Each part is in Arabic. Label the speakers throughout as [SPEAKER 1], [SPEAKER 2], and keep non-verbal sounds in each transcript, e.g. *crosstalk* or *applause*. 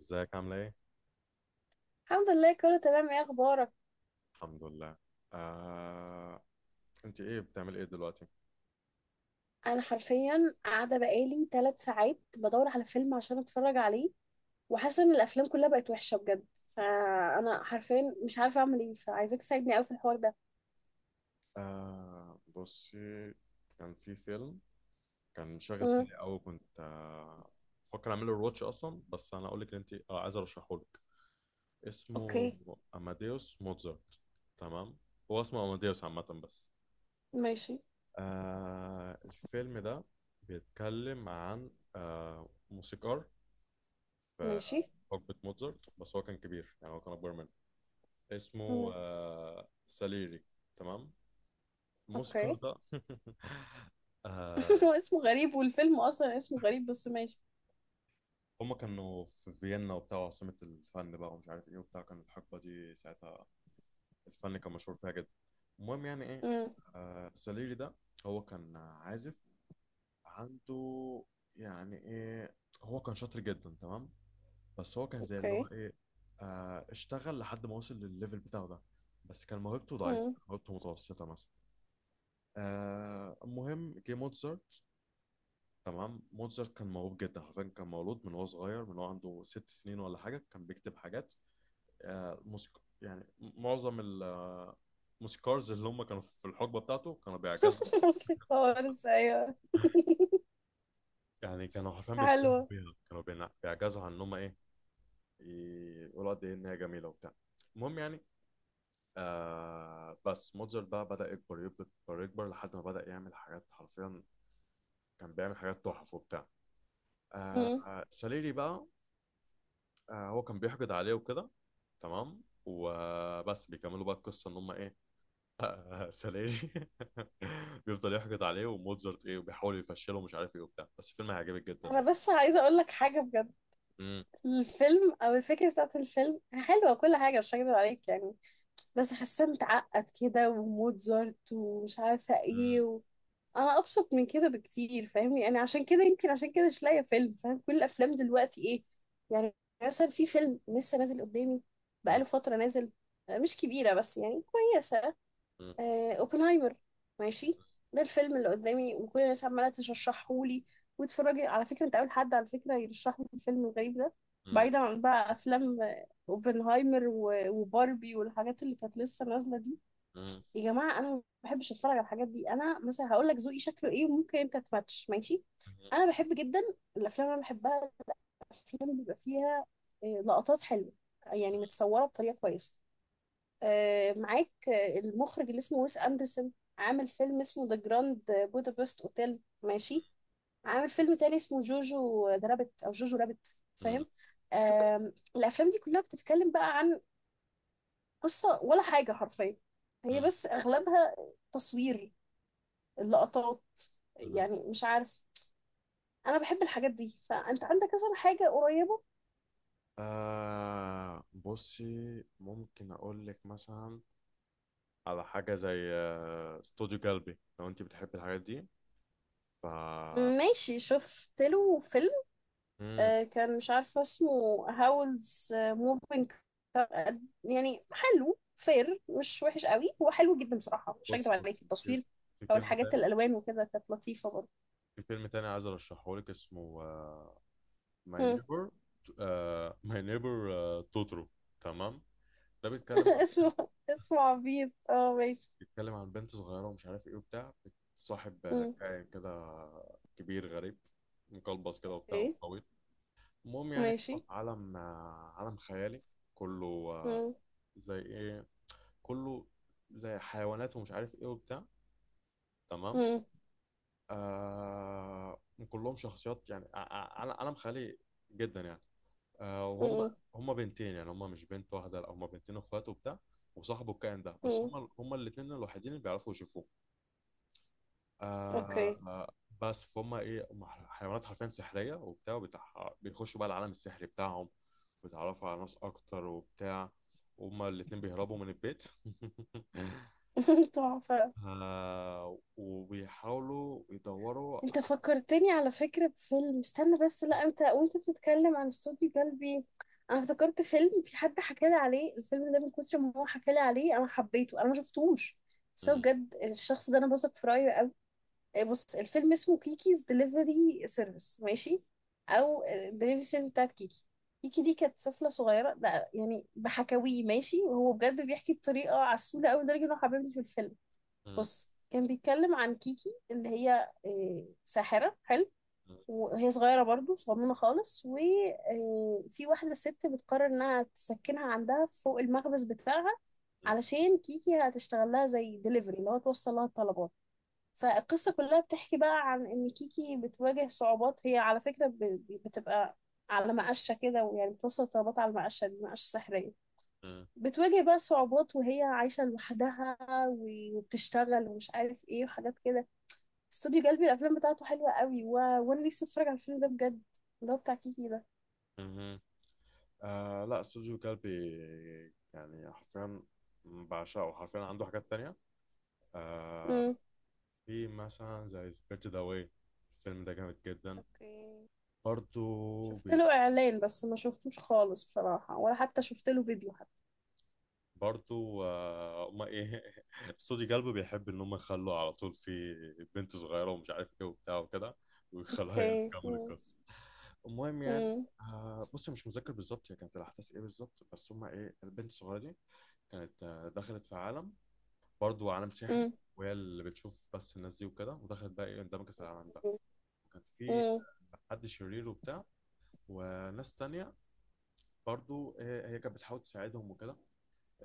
[SPEAKER 1] ازيك عاملة ايه؟
[SPEAKER 2] الحمد لله، كله تمام. ايه اخبارك؟
[SPEAKER 1] الحمد لله. آه، انت ايه بتعملي ايه دلوقتي؟
[SPEAKER 2] انا حرفيا قاعده بقالي 3 ساعات بدور على فيلم عشان اتفرج عليه، وحاسه ان الافلام كلها بقت وحشه بجد. فانا حرفيا مش عارفه اعمل ايه، فعايزاك تساعدني قوي في الحوار ده.
[SPEAKER 1] بصي، كان في فيلم كان شاغل
[SPEAKER 2] امم.
[SPEAKER 1] بالي قوي، كنت بفكر اعمله الواتش اصلا. بس انا اقول لك ان انت عايز ارشحه لك، اسمه
[SPEAKER 2] اوكي.
[SPEAKER 1] اماديوس موتزارت. تمام، هو اسمه اماديوس عامة بس.
[SPEAKER 2] ماشي.
[SPEAKER 1] الفيلم ده بيتكلم عن موسيقار في
[SPEAKER 2] ماشي.
[SPEAKER 1] حقبة موتزارت، بس هو كان كبير، يعني هو كان اكبر منه. اسمه
[SPEAKER 2] امم.
[SPEAKER 1] ساليري. تمام، الموسيقار
[SPEAKER 2] اوكي.
[SPEAKER 1] ده *laughs*
[SPEAKER 2] *laughs*
[SPEAKER 1] آه،
[SPEAKER 2] هو اسمه غريب، والفيلم اصلا اسمه غريب، بس ماشي.
[SPEAKER 1] هما كانوا في فيينا وبتاع، عاصمة الفن بقى ومش عارف ايه وبتاع، كان الحقبة دي ساعتها الفن كان مشهور فيها جدا. المهم، يعني ايه،
[SPEAKER 2] امم.
[SPEAKER 1] ساليري ده، هو كان عازف، عنده يعني ايه، هو كان شاطر جدا. تمام، بس هو كان زي اللي هو
[SPEAKER 2] اوكي.
[SPEAKER 1] ايه، اشتغل لحد ما وصل للليفل بتاعه ده، بس كان موهبته ضعيفة،
[SPEAKER 2] امم.
[SPEAKER 1] موهبته متوسطة مثلا. المهم، جه موتسارت. تمام، موتزارت كان موهوب جدا، حرفيا كان مولود من وهو صغير، من وهو عنده 6 سنين ولا حاجه كان بيكتب حاجات. موسيق، يعني معظم الموسيقارز اللي هم كانوا في الحقبه بتاعته كانوا بيعجزوا.
[SPEAKER 2] *laughs* بصي خالص، ايوه.
[SPEAKER 1] يعني كانوا حرفيا بيتبهروا
[SPEAKER 2] حلوه.
[SPEAKER 1] بيها، كانوا بيعجزوا عن ان هم ايه، يقولوا قد ايه ان هي جميله وبتاع. المهم يعني، بس موتزارت بقى بدأ يكبر يكبر يكبر لحد ما بدأ يعمل حاجات حرفيا، كان بيعمل حاجات تحف وبتاع.
[SPEAKER 2] امم.
[SPEAKER 1] ساليري بقى، هو كان بيحقد عليه وكده. تمام، وبس بيكملوا بقى القصه ان هم ايه، *laughs* سلاجي *laughs* بيفضل يحقد عليه، وموتزارت ايه، وبيحاول يفشله ومش عارف ايه وبتاع. بس الفيلم هيعجبك جدا
[SPEAKER 2] انا
[SPEAKER 1] يعني.
[SPEAKER 2] بس عايزه اقول لك حاجه بجد.
[SPEAKER 1] مم،
[SPEAKER 2] الفيلم او الفكره بتاعت الفيلم حلوه، كل حاجه، مش هكدب عليك يعني. بس حاسه متعقد كده، وموتزارت، ومش عارفه ايه
[SPEAKER 1] مم،
[SPEAKER 2] انا ابسط من كده بكتير، فاهمني يعني؟ عشان كده يمكن، عشان كده مش لاقيه فيلم، فاهم كل الافلام دلوقتي ايه. يعني مثلا في فيلم لسه نازل قدامي،
[SPEAKER 1] مم،
[SPEAKER 2] بقاله فتره نازل، مش كبيره بس يعني كويسه.
[SPEAKER 1] مم،
[SPEAKER 2] اوبنهايمر. ماشي. ده الفيلم اللي قدامي، وكل الناس عماله ترشحه لي. واتفرجي، على فكره انت اول حد على فكره يرشح لي الفيلم الغريب ده،
[SPEAKER 1] مم،
[SPEAKER 2] بعيدا عن بقى افلام اوبنهايمر و- وباربي والحاجات اللي كانت لسه نازله دي.
[SPEAKER 1] مم،
[SPEAKER 2] يا جماعه، انا ما بحبش اتفرج على الحاجات دي. انا مثلا هقول لك ذوقي شكله ايه، وممكن انت تماتش، ماشي. انا بحب جدا الافلام، اللي انا بحبها الافلام بيبقى فيها لقطات حلوه، يعني متصوره بطريقه كويسه. معاك المخرج اللي اسمه ويس أندرسون، عامل فيلم اسمه ذا جراند بودابست اوتيل، ماشي. عامل فيلم تاني اسمه جوجو ذا رابت او جوجو رابت،
[SPEAKER 1] مم،
[SPEAKER 2] فاهم؟ الافلام دي كلها بتتكلم بقى عن قصة، ولا حاجة حرفيا، هي
[SPEAKER 1] مم،
[SPEAKER 2] بس اغلبها تصوير، اللقطات،
[SPEAKER 1] مم.
[SPEAKER 2] يعني مش عارف. انا بحب الحاجات دي، فانت عندك مثلا حاجة قريبة؟
[SPEAKER 1] بصي، ممكن اقول لك مثلا على حاجه زي استوديو جلبي لو انت بتحبي الحاجات دي، ف...
[SPEAKER 2] ماشي. شفت له فيلم
[SPEAKER 1] مم.
[SPEAKER 2] كان مش عارفة اسمه، هاولز موفينج. يعني حلو فير، مش وحش قوي، هو حلو جدا بصراحة، مش هكدب
[SPEAKER 1] بص بص،
[SPEAKER 2] عليك. التصوير،
[SPEAKER 1] في
[SPEAKER 2] أو
[SPEAKER 1] فيلم
[SPEAKER 2] الحاجات،
[SPEAKER 1] تاني،
[SPEAKER 2] الألوان وكده، كانت لطيفة برضه.
[SPEAKER 1] عايز ارشحه لك، اسمه ماي
[SPEAKER 2] مم.
[SPEAKER 1] نيبر، ماي نيبر توترو. تمام، ده بيتكلم
[SPEAKER 2] *laughs*
[SPEAKER 1] عن،
[SPEAKER 2] اسمه عبيط، اه، ماشي.
[SPEAKER 1] بنت صغيره ومش عارف ايه وبتاع، صاحب
[SPEAKER 2] مم.
[SPEAKER 1] كائن كده، كبير غريب مقلبص كده وبتاع
[SPEAKER 2] اوكي.
[SPEAKER 1] وطويل. المهم يعني،
[SPEAKER 2] ماشي.
[SPEAKER 1] هو في عالم عالم خيالي، كله
[SPEAKER 2] مم.
[SPEAKER 1] زي ايه، كله زي حيوانات ومش عارف ايه وبتاع. تمام،
[SPEAKER 2] مم.
[SPEAKER 1] آه كلهم شخصيات، يعني عالم خيالي جدا يعني. وهم
[SPEAKER 2] مم.
[SPEAKER 1] هم بنتين، يعني هم مش بنت واحده، لا هم بنتين اخوات وبتاع، وصاحبه الكائن ده. بس
[SPEAKER 2] مم.
[SPEAKER 1] هم الاثنين الوحيدين اللي بيعرفوا يشوفوه. آه
[SPEAKER 2] اوكي.
[SPEAKER 1] آه، بس فهم ايه، هم حيوانات حرفيا سحريه وبتاع، بيخشوا بقى العالم السحري بتاعهم، ويتعرفوا على ناس اكتر وبتاع. هما الاثنين بيهربوا من البيت *laughs*
[SPEAKER 2] *laughs* تحفة.
[SPEAKER 1] وبيحاولوا يدوروا
[SPEAKER 2] انت
[SPEAKER 1] ع-
[SPEAKER 2] فكرتني على فكرة بفيلم، استنى بس. لا انت، وانت بتتكلم عن استوديو جلبي، انا افتكرت فيلم في حد حكالي عليه. الفيلم ده من كتر ما هو حكالي عليه انا حبيته، انا ما شفتوش، بس هو
[SPEAKER 1] م-
[SPEAKER 2] بجد الشخص ده انا بثق في رايه قوي. بص، الفيلم اسمه كيكيز دليفري سيرفيس، ماشي. او دليفري سيرفيس بتاعت كيكي. كيكي دي كانت طفلة صغيرة، ده يعني بحكاويه ماشي، وهو بجد بيحكي بطريقة عسولة قوي لدرجة انه حببني في الفيلم.
[SPEAKER 1] م-
[SPEAKER 2] بص، كان بيتكلم عن كيكي اللي هي ساحرة، حلو. وهي صغيرة برضو، صغنونة خالص، وفي واحدة ست بتقرر انها تسكنها عندها فوق المخبز بتاعها،
[SPEAKER 1] م-
[SPEAKER 2] علشان كيكي هتشتغل لها زي ديليفري، اللي هو توصل لها الطلبات. فالقصة كلها بتحكي بقى عن ان كيكي بتواجه صعوبات. هي على فكرة بتبقى على مقشة كده، ويعني بتوصل الطلبات على المقشة دي، مقشة سحرية.
[SPEAKER 1] م-
[SPEAKER 2] بتواجه بقى صعوبات، وهي عايشة لوحدها، و- وبتشتغل ومش عارف ايه، وحاجات كده. استوديو جلبي الافلام بتاعته حلوة قوي وانا نفسي اتفرج على الفيلم ده بجد، اللي هو بتاع كيكي ده.
[SPEAKER 1] م- آه لا، استوديو كلبي يعني حرفيا بعشقه حرفيا. عنده حاجات تانية آه،
[SPEAKER 2] امم.
[SPEAKER 1] في مثلا زي سبيرت ذا واي، الفيلم ده جامد جدا.
[SPEAKER 2] اوكي.
[SPEAKER 1] برضو
[SPEAKER 2] شفت له اعلان، بس ما شفتوش خالص بصراحة، ولا حتى شفت له فيديو حتى.
[SPEAKER 1] برضو آه ما ايه *laughs* استوديو كلبي بيحب ان هم يخلوا على طول في بنت صغيرة ومش عارف ايه وبتاع وكده، ويخلوها هي اللي
[SPEAKER 2] اوكي.
[SPEAKER 1] تكمل
[SPEAKER 2] امم.
[SPEAKER 1] القصة. المهم يعني،
[SPEAKER 2] امم.
[SPEAKER 1] بص، مش متذكر بالظبط هي كانت الاحداث ايه بالظبط، بس هم ايه، البنت الصغيرة دي كانت دخلت في عالم، برضو عالم سحري،
[SPEAKER 2] امم.
[SPEAKER 1] وهي اللي بتشوف بس الناس دي وكده، ودخلت بقى ايه اندمجت في العالم ده. وكان في
[SPEAKER 2] امم.
[SPEAKER 1] حد شرير وبتاع، وناس تانية برضو إيه، هي كانت بتحاول تساعدهم وكده،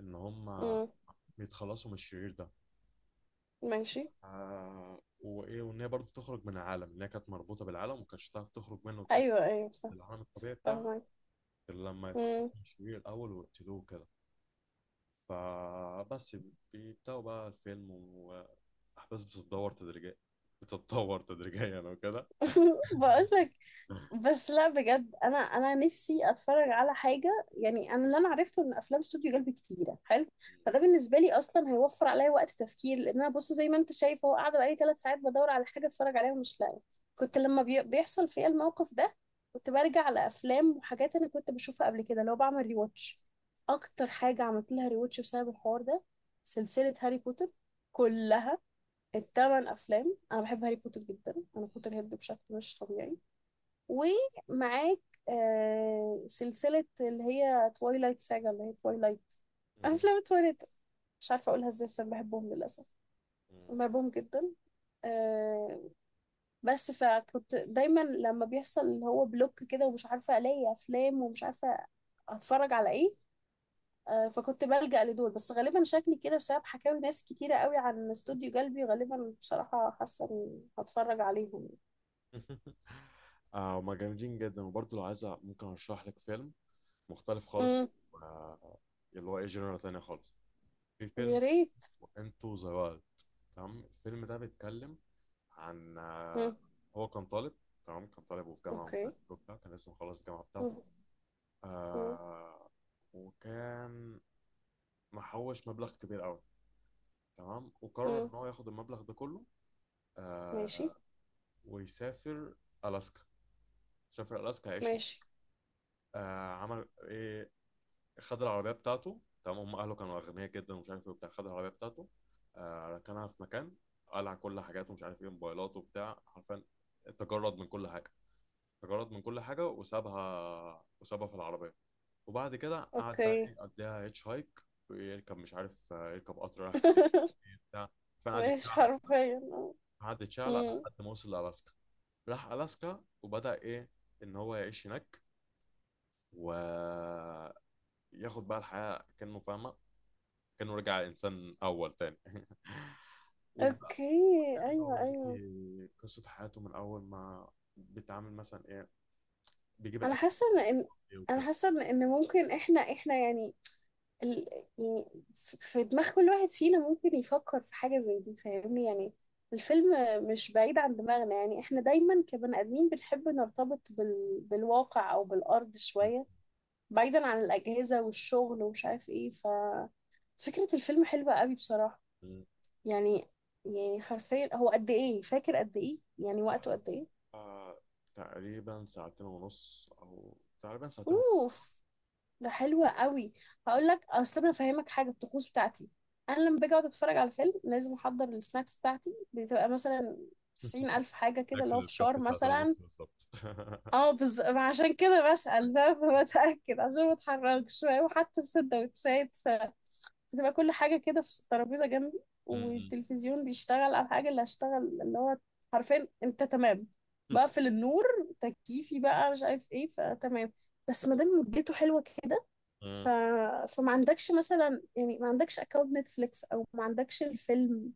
[SPEAKER 1] ان هم
[SPEAKER 2] امم.
[SPEAKER 1] يتخلصوا من الشرير ده.
[SPEAKER 2] ماشي.
[SPEAKER 1] وايه، وان هي برضو تخرج من العالم، ان هي كانت مربوطة بالعالم وما كانتش تعرف تخرج منه وترجع
[SPEAKER 2] ايوه، ايوه.
[SPEAKER 1] للعالم الطبيعي بتاعها
[SPEAKER 2] فاهمة.
[SPEAKER 1] غير لما
[SPEAKER 2] *laughs*
[SPEAKER 1] يتخلصوا
[SPEAKER 2] امم.
[SPEAKER 1] من الشرير الاول ويقتلوه كده. فبس بيبدأوا بقى الفيلم، واحداث بتتدور تدريجيا، بتتطور تدريجيا وكده *laughs*
[SPEAKER 2] بقول لك، بس لا بجد، انا نفسي اتفرج على حاجه يعني. انا اللي انا عرفته ان افلام استوديو جلب كتيره حلو، فده بالنسبه لي اصلا هيوفر عليا وقت تفكير، لان انا بص زي ما انت شايف هو قاعده بقالي 3 ساعات بدور على حاجه اتفرج عليها ومش لاقيه. كنت لما بيحصل فيا الموقف ده، كنت برجع على افلام وحاجات انا كنت بشوفها قبل كده، لو بعمل ريواتش. اكتر حاجه عملت لها ريواتش بسبب الحوار ده، سلسله هاري بوتر كلها، الـ 8 افلام. انا بحب هاري بوتر جدا، انا بوتر هيد بشكل مش طبيعي. ومعاك سلسلة اللي هي تويلايت ساجا، اللي هي تويلايت، أفلام تويلايت. مش عارفة أقولها إزاي، بس أنا بحبهم للأسف، بحبهم جدا. آه بس فكنت دايما لما بيحصل اللي هو بلوك كده، ومش عارفة ألاقي أفلام، ومش عارفة أتفرج على إيه. فكنت بلجأ لدول. بس غالبا شكلي كده بسبب حكاوي ناس كتيرة قوي عن استوديو قلبي، غالبا بصراحة حاسة إني هتفرج عليهم.
[SPEAKER 1] هما جامدين جدا، وبرضه لو عايز ممكن ارشح لك فيلم مختلف خالص،
[SPEAKER 2] امم.
[SPEAKER 1] آه اللي هو ايه، جنرال تانية خالص. في فيلم
[SPEAKER 2] يا ريت.
[SPEAKER 1] انتو ذا وايلد، تمام. الفيلم ده بيتكلم عن آه،
[SPEAKER 2] مم.
[SPEAKER 1] هو كان طالب، تمام كان طالب وفي جامعة ومش
[SPEAKER 2] اوكي.
[SPEAKER 1] عارف ايه وبتاع، كان لسه مخلص الجامعة بتاعته.
[SPEAKER 2] مم. مم.
[SPEAKER 1] آه وكان محوش مبلغ كبير قوي، تمام، وقرر
[SPEAKER 2] مم.
[SPEAKER 1] ان هو ياخد المبلغ ده كله.
[SPEAKER 2] ماشي.
[SPEAKER 1] آه ويسافر الاسكا، سافر الاسكا 10.
[SPEAKER 2] ماشي.
[SPEAKER 1] عمل ايه، خد العربيه بتاعته، تمام هم اهله كانوا اغنياء جدا ومش عارف ايه وبتاع. خد العربيه بتاعته، ركنها في مكان، قلع كل حاجاته مش عارف ايه موبايلاته وبتاع، حرفيا تجرد من كل حاجه تجرد من كل حاجه، وسابها في العربيه. وبعد كده قعد بقى
[SPEAKER 2] اوكي.
[SPEAKER 1] ايه يقضيها هيتش هايك، يركب مش عارف يركب قطر رايح فين، مش عارف
[SPEAKER 2] *laughs*
[SPEAKER 1] إيه بتاع. فانا قعد
[SPEAKER 2] ماشي،
[SPEAKER 1] يتشعلق كده،
[SPEAKER 2] حرفيا اه.
[SPEAKER 1] قعد يتشعلق
[SPEAKER 2] أمم.
[SPEAKER 1] لحد ما وصل لألاسكا. راح ألاسكا وبدأ إيه، إن هو يعيش هناك، و ياخد بقى الحياة كأنه فاهمة، كأنه رجع إنسان أول تاني *laughs* وبقى
[SPEAKER 2] اوكي.
[SPEAKER 1] بيكتمل بقى
[SPEAKER 2] ايوه، ايوه.
[SPEAKER 1] ويوريكي قصة حياته من أول ما بيتعامل مثلا إيه، بيجيب
[SPEAKER 2] انا
[SPEAKER 1] الأكل
[SPEAKER 2] حاسه ان إن-
[SPEAKER 1] إيه
[SPEAKER 2] انا
[SPEAKER 1] وكده.
[SPEAKER 2] حاسه ان إن ممكن احنا يعني ال... يعني في دماغ كل واحد فينا ممكن يفكر في حاجه زي دي، فاهمني يعني. الفيلم مش بعيد عن دماغنا، يعني احنا دايما كبني ادمين بنحب نرتبط بالواقع او بالارض شويه، بعيدا عن الاجهزه والشغل ومش عارف ايه. ف فكره الفيلم حلوه قوي بصراحه،
[SPEAKER 1] مم.
[SPEAKER 2] يعني. يعني حرفيا هو قد ايه؟ فاكر قد ايه يعني، وقته قد ايه؟
[SPEAKER 1] آه، تقريبا ساعتين ونص، أو تقريبا ساعتين ونص.
[SPEAKER 2] اوف، ده حلو قوي. هقول لك، اصل انا فاهمك حاجه، الطقوس بتاعتي، انا لما باجي اقعد اتفرج على فيلم لازم احضر السناكس بتاعتي. بتبقى مثلا 90,000 حاجة كده،
[SPEAKER 1] عكس
[SPEAKER 2] اللي هو
[SPEAKER 1] اللي
[SPEAKER 2] فشار
[SPEAKER 1] بكفي ساعتين
[SPEAKER 2] مثلا.
[SPEAKER 1] ونص بالظبط *laughs*
[SPEAKER 2] اه، عشان كده بسأل، فاهم؟ *laughs* بتأكد عشان ما اتحركش، فاهم؟ وحتى السندوتشات بتبقى كل حاجة كده في الترابيزة جنبي،
[SPEAKER 1] مم.
[SPEAKER 2] والتلفزيون بيشتغل على الحاجة اللي هشتغل، اللي هو حرفيا انت تمام، بقفل النور، تكييفي بقى مش عارف ايه، فتمام. بس ما دام مدته حلوة كده ف...
[SPEAKER 1] مم.
[SPEAKER 2] فما عندكش مثلا، يعني ما عندكش اكونت نتفليكس، او ما عندكش الفيلم،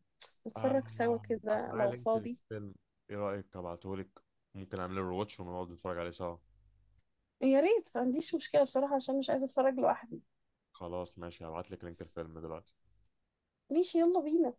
[SPEAKER 1] آه،
[SPEAKER 2] نتفرج سوا
[SPEAKER 1] أنا
[SPEAKER 2] كده
[SPEAKER 1] معايا
[SPEAKER 2] لو
[SPEAKER 1] لينك
[SPEAKER 2] فاضي؟
[SPEAKER 1] للفيلم، إيه رأيك أبعتهولك؟ ممكن أعمل له رواتش ونقعد نتفرج عليه سوا.
[SPEAKER 2] يا ريت، ما عنديش مشكلة بصراحة، عشان مش عايزة اتفرج لوحدي.
[SPEAKER 1] خلاص ماشي، هبعت لك لينك الفيلم دلوقتي.
[SPEAKER 2] ماشي، يلا بينا.